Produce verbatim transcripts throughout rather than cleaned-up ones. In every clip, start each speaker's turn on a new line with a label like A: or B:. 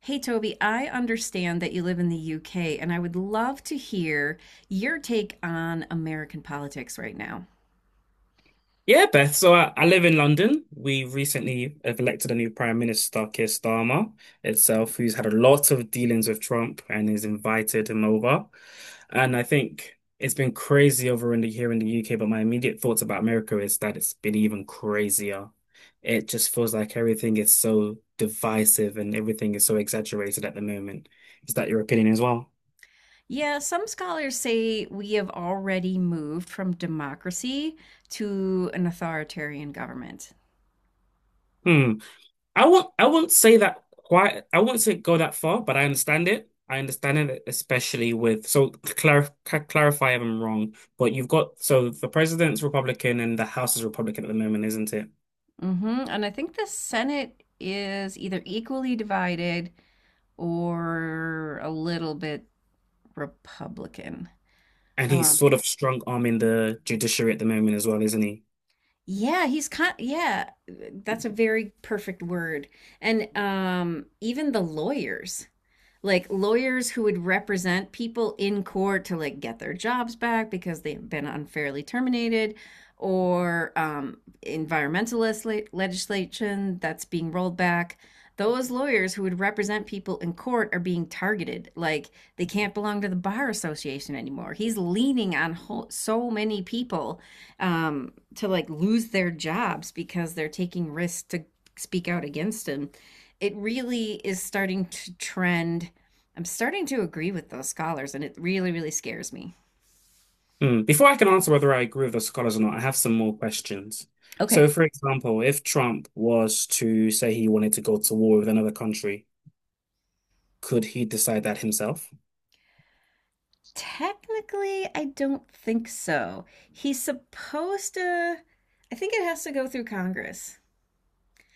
A: Hey, Toby, I understand that you live in the U K, and I would love to hear your take on American politics right now.
B: Yeah, Beth. So I, I live in London. We recently have elected a new Prime Minister, Keir Starmer itself, who's had a lot of dealings with Trump and has invited him over. And I think it's been crazy over in the here in the U K, but my immediate thoughts about America is that it's been even crazier. It just feels like everything is so divisive and everything is so exaggerated at the moment. Is that your opinion as well?
A: Yeah, some scholars say we have already moved from democracy to an authoritarian government.
B: Hmm. I won't I won't say that quite, I won't say go that far, but I understand it. I understand it, especially with so clar clarify if I'm wrong, but you've got, so the president's Republican and the House is Republican at the moment, isn't it?
A: Hmm. And I think the Senate is either equally divided or a little bit Republican.
B: And he's
A: Um,
B: sort of strong arming the judiciary at the moment as well, isn't he?
A: Yeah, he's kind yeah, that's a very perfect word. And um even the lawyers, like lawyers who would represent people in court to like get their jobs back because they've been unfairly terminated, or um, environmentalist le- legislation that's being rolled back, those lawyers who would represent people in court are being targeted. Like, they can't belong to the bar association anymore. He's leaning on ho- so many people um, to like lose their jobs because they're taking risks to speak out against him. It really is starting to trend. I'm starting to agree with those scholars, and it really, really scares me.
B: Hmm. Before I can answer whether I agree with the scholars or not, I have some more questions.
A: Okay.
B: So, for example, if Trump was to say he wanted to go to war with another country, could he decide that himself?
A: Technically, I don't think so. He's supposed to, I think it has to go through Congress,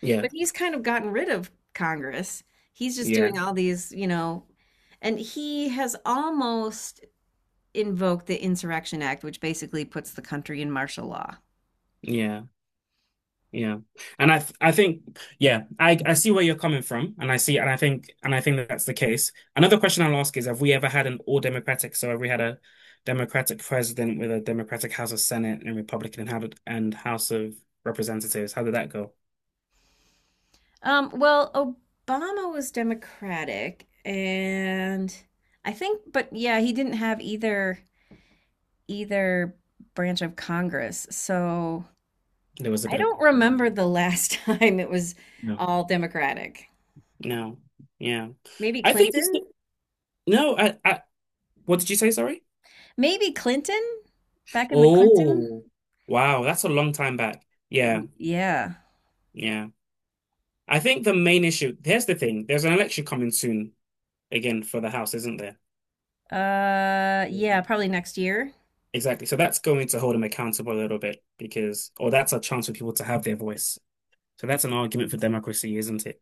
B: Yeah,
A: but he's kind of gotten rid of Congress. He's just
B: yeah,
A: doing all these, you know, and he has almost invoke the Insurrection Act, which basically puts the country in martial law.
B: yeah. Yeah. And I th I think, yeah, I I see where you're coming from, and I see and I think and I think that that's the case. Another question I'll ask is, have we ever had an all democratic, so have we had a democratic president with a democratic House of Senate and Republican and how did, and House of Representatives? How did that go?
A: Um, well, Obama was Democratic, and I think, but yeah, he didn't have either either branch of Congress. So
B: There was a
A: I
B: bit of,
A: don't remember the last time it was
B: no.
A: all Democratic.
B: No. Yeah.
A: Maybe
B: I think it's still,
A: Clinton?
B: no, I, I what did you say, sorry?
A: Maybe Clinton? Back in the Clinton?
B: Oh, wow, that's a long time back. Yeah,
A: Y- Yeah.
B: yeah. I think the main issue, here's the thing, there's an election coming soon again for the house, isn't there?
A: Uh, yeah,
B: Yeah.
A: probably next year.
B: Exactly. So that's going to hold them accountable a little bit because, or that's a chance for people to have their voice. So that's an argument for democracy, isn't it?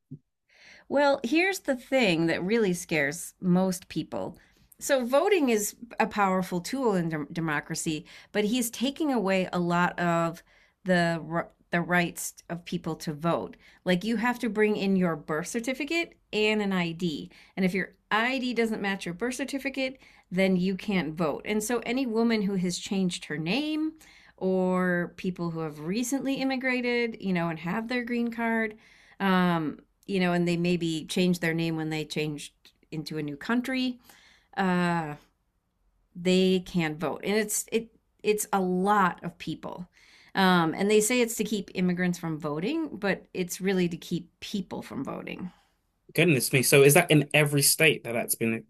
A: Well, here's the thing that really scares most people. So, voting is a powerful tool in dem- democracy, but he's taking away a lot of the r- the rights of people to vote. Like, you have to bring in your birth certificate and an I D. And if your I D doesn't match your birth certificate, then you can't vote. And so any woman who has changed her name, or people who have recently immigrated, you know, and have their green card, um, you know, and they maybe change their name when they changed into a new country. Uh, they can't vote, and it's it it's a lot of people. Um, and they say it's to keep immigrants from voting, but it's really to keep people from voting.
B: Goodness me. So is that in every state that that's been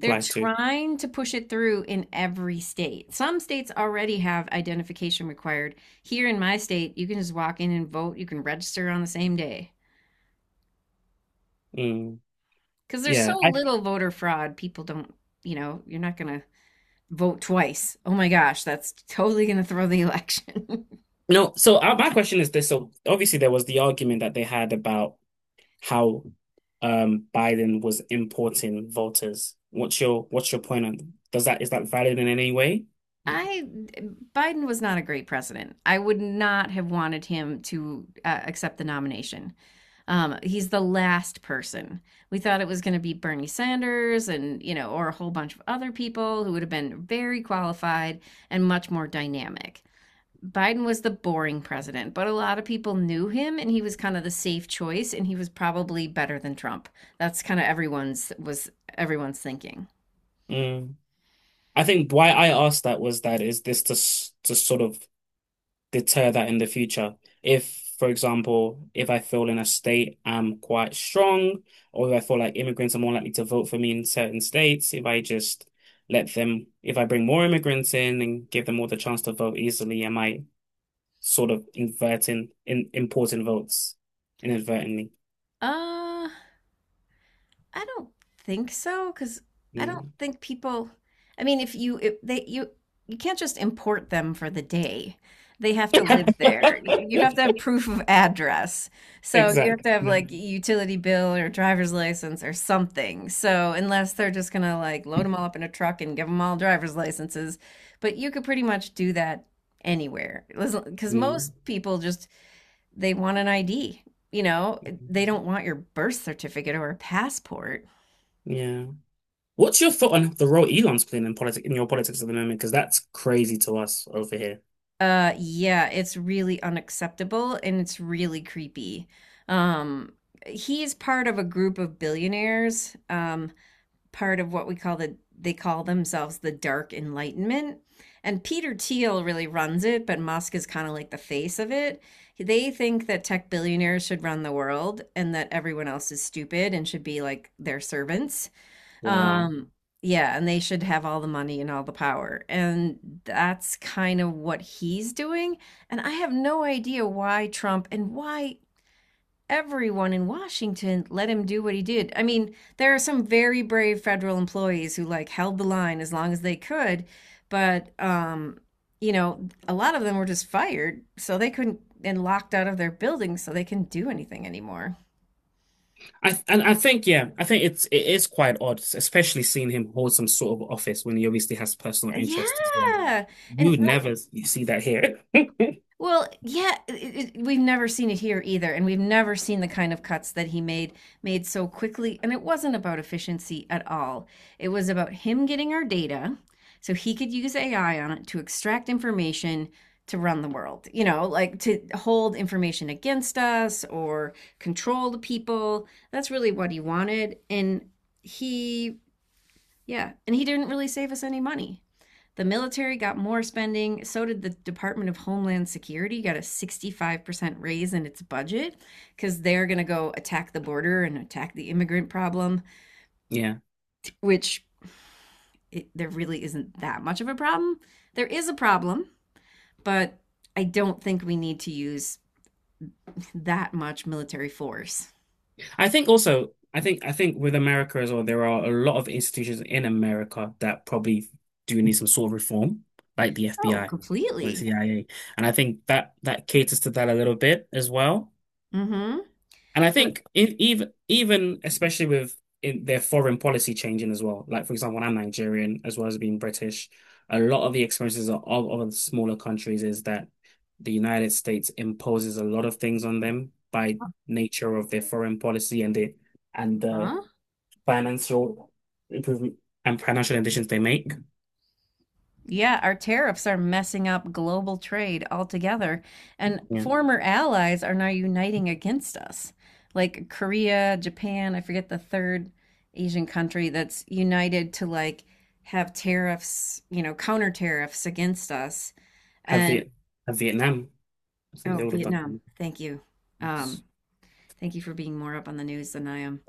A: They're
B: to?
A: trying to push it through in every state. Some states already have identification required. Here in my state, you can just walk in and vote. You can register on the same day
B: Mm,
A: because there's
B: yeah.
A: so
B: I
A: little voter fraud. People don't, you know, you're not going to vote twice. Oh my gosh, that's totally going to throw the election.
B: no. So uh, my question is this. So obviously there was the argument that they had about how, um, Biden was importing voters. What's your, what's your point on, does that, is that valid in any way?
A: I, Biden was not a great president. I would not have wanted him to uh, accept the nomination. Um, he's the last person. We thought it was going to be Bernie Sanders, and, you know, or a whole bunch of other people who would have been very qualified and much more dynamic. Biden was the boring president, but a lot of people knew him and he was kind of the safe choice and he was probably better than Trump. That's kind of everyone's was everyone's thinking.
B: Mm. I think why I asked that was that, is this to s- to sort of deter that in the future. If, for example, if I feel in a state I'm quite strong, or if I feel like immigrants are more likely to vote for me in certain states, if I just let them, if I bring more immigrants in and give them all the chance to vote easily, am I sort of inverting in importing votes inadvertently?
A: Uh I don't think so, because I don't
B: Mm.
A: think people. I mean, if you, if they you you can't just import them for the day. They have to live there. Y- You have to have proof of address. So you have
B: Exactly.
A: to have
B: No.
A: like a utility bill or driver's license or something. So unless they're just gonna like load them all up in a truck and give them all driver's licenses, but you could pretty much do that anywhere. Because most
B: Mm.
A: people just, they want an I D. You know, they don't want your birth certificate or a passport.
B: Yeah. What's your thought on the role Elon's playing in politics, in your politics at the moment? Because that's crazy to us over here.
A: Uh, yeah, it's really unacceptable and it's really creepy. Um, he's part of a group of billionaires, um, part of what we call the, they call themselves the Dark Enlightenment. And Peter Thiel really runs it, but Musk is kind of like the face of it. They think that tech billionaires should run the world and that everyone else is stupid and should be like their servants.
B: Wow.
A: Um, yeah, and they should have all the money and all the power. And that's kind of what he's doing. And I have no idea why Trump, and why everyone in Washington let him do what he did. I mean, there are some very brave federal employees who like held the line as long as they could, but um, you know, a lot of them were just fired, so they couldn't, and locked out of their buildings, so they couldn't do anything anymore.
B: I and I think, yeah, I think it's, it is quite odd, especially seeing him hold some sort of office when he obviously has personal interest as well.
A: Yeah.
B: You
A: And
B: would
A: well,
B: never You see that here.
A: Well, yeah, it, it, we've never seen it here either, and we've never seen the kind of cuts that he made made so quickly. And it wasn't about efficiency at all. It was about him getting our data so he could use A I on it to extract information to run the world. You know, like to hold information against us or control the people. That's really what he wanted, and he, yeah, and he didn't really save us any money. The military got more spending. So did the Department of Homeland Security, got a sixty-five percent raise in its budget because they're going to go attack the border and attack the immigrant problem,
B: Yeah. Yeah.
A: which, it, there really isn't that much of a problem. There is a problem, but I don't think we need to use that much military force.
B: I think also, I think I think with America as well, there are a lot of institutions in America that probably do need some sort of reform, like the
A: Oh,
B: F B I or the
A: completely.
B: C I A. And I think that that caters to that a little bit as well.
A: Mm hmm.
B: And I
A: But,
B: think if, even even especially with, in their foreign policy changing as well, like for example, I'm Nigerian as well as being British. A lot of the experiences of other smaller countries is that the United States imposes a lot of things on them by nature of their foreign policy, and the and the
A: huh?
B: financial improvement and financial additions they make.
A: Yeah, our tariffs are messing up global trade altogether, and
B: Yeah,
A: former allies are now uniting against us. Like Korea, Japan, I forget the third Asian country, that's united to like have tariffs, you know, counter tariffs against us.
B: have
A: And
B: Viet have Vietnam. I think
A: oh,
B: they would have
A: Vietnam,
B: done.
A: thank you. Um, thank you for being more up on the news than I am.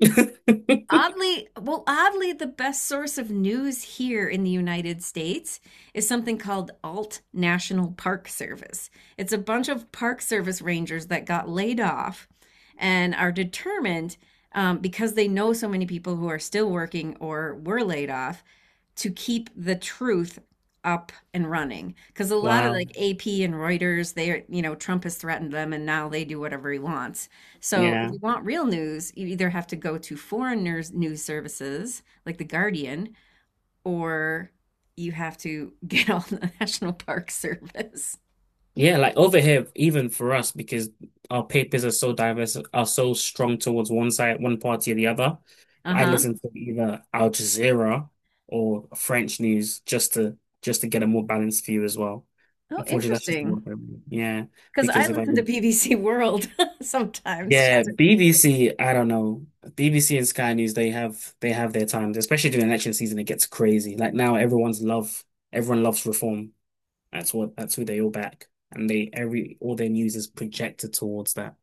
A: Oddly, well, oddly, the best source of news here in the United States is something called Alt National Park Service. It's a bunch of Park Service rangers that got laid off and are determined, um, because they know so many people who are still working or were laid off, to keep the truth up and running. Because a lot of
B: Wow.
A: like A P and Reuters, they are, you know, Trump has threatened them and now they do whatever he wants. So if
B: Yeah.
A: you want real news, you either have to go to foreign news, news services like The Guardian, or you have to get on the National Park Service.
B: Yeah, like over here, even for us, because our papers are so diverse, are so strong towards one side, one party or the other.
A: Uh
B: I
A: huh.
B: listen to either Al Jazeera or French news, just to just to get a more balanced view as well.
A: Oh,
B: Unfortunately, that's just the work
A: interesting.
B: I do. Yeah,
A: Because I
B: because if I
A: listen to
B: go,
A: B B C World sometimes
B: yeah,
A: just,
B: B B C, I don't know, B B C and Sky News, they have they have their times, especially during election season. It gets crazy. Like now, everyone's love, everyone loves reform. That's what that's who they all back, and they every all their news is projected towards that.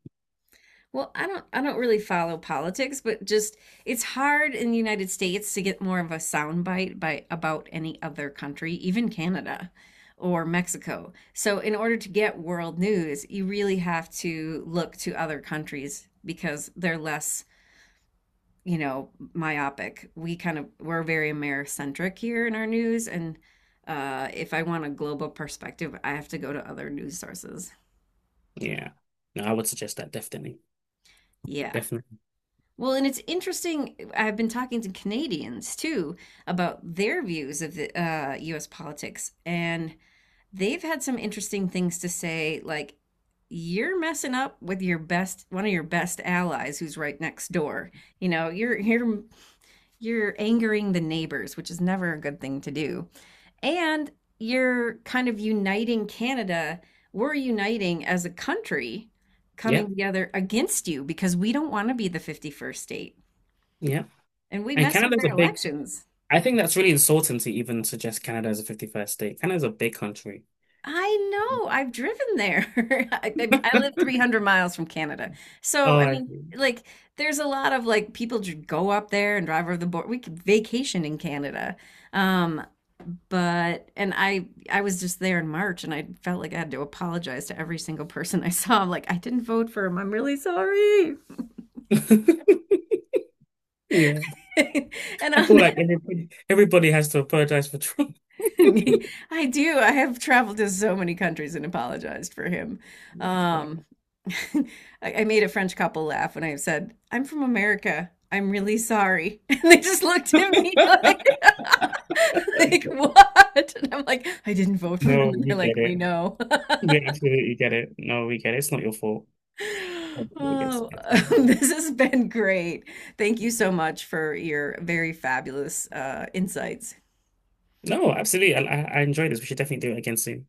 A: well, I don't I don't really follow politics, but just, it's hard in the United States to get more of a soundbite by about any other country, even Canada or Mexico. So in order to get world news, you really have to look to other countries because they're less, you know, myopic. We kind of we're very Americentric here in our news, and uh, if I want a global perspective, I have to go to other news sources.
B: Yeah, no, I would suggest that definitely,
A: Yeah.
B: definitely.
A: Well, and it's interesting. uh, I've been talking to Canadians too about their views of the uh, U S politics, and they've had some interesting things to say, like, you're messing up with your best, one of your best allies who's right next door. You know, you're you're you're angering the neighbors, which is never a good thing to do. And you're kind of uniting Canada. We're uniting as a country,
B: Yeah,
A: coming together against you because we don't want to be the fifty-first state.
B: yeah.
A: And we
B: And
A: mess with
B: Canada's
A: their
B: a big.
A: elections.
B: I think that's really insulting to even suggest Canada as a fifty-first state. Canada's a big country.
A: I know. I've driven there. I, I I live three hundred miles from Canada. So,
B: Oh,
A: I
B: I,
A: mean, like, there's a lot of like people just go up there and drive over the border. We could vacation in Canada. Um, but, and I, I was just there in March and I felt like I had to apologize to every single person I saw. I'm like, I didn't vote for him. I'm really sorry.
B: yeah.
A: And
B: I feel
A: on
B: like everybody everybody has to apologize for Trump.
A: I do. I have traveled to so many countries and apologized for him.
B: No,
A: Um, I, I made a French couple laugh when I said, "I'm from America. I'm really sorry," and they just looked at me like, "Like what?" And I'm like, "I didn't vote for him," and they're
B: you
A: like,
B: get
A: "We
B: it.
A: know."
B: We absolutely get it. No, we get it. It's not your fault. Hopefully it gets
A: Oh,
B: better.
A: this has been great. Thank you so much for your very fabulous uh, insights.
B: No, absolutely. I, I I enjoyed this. We should definitely do it again soon.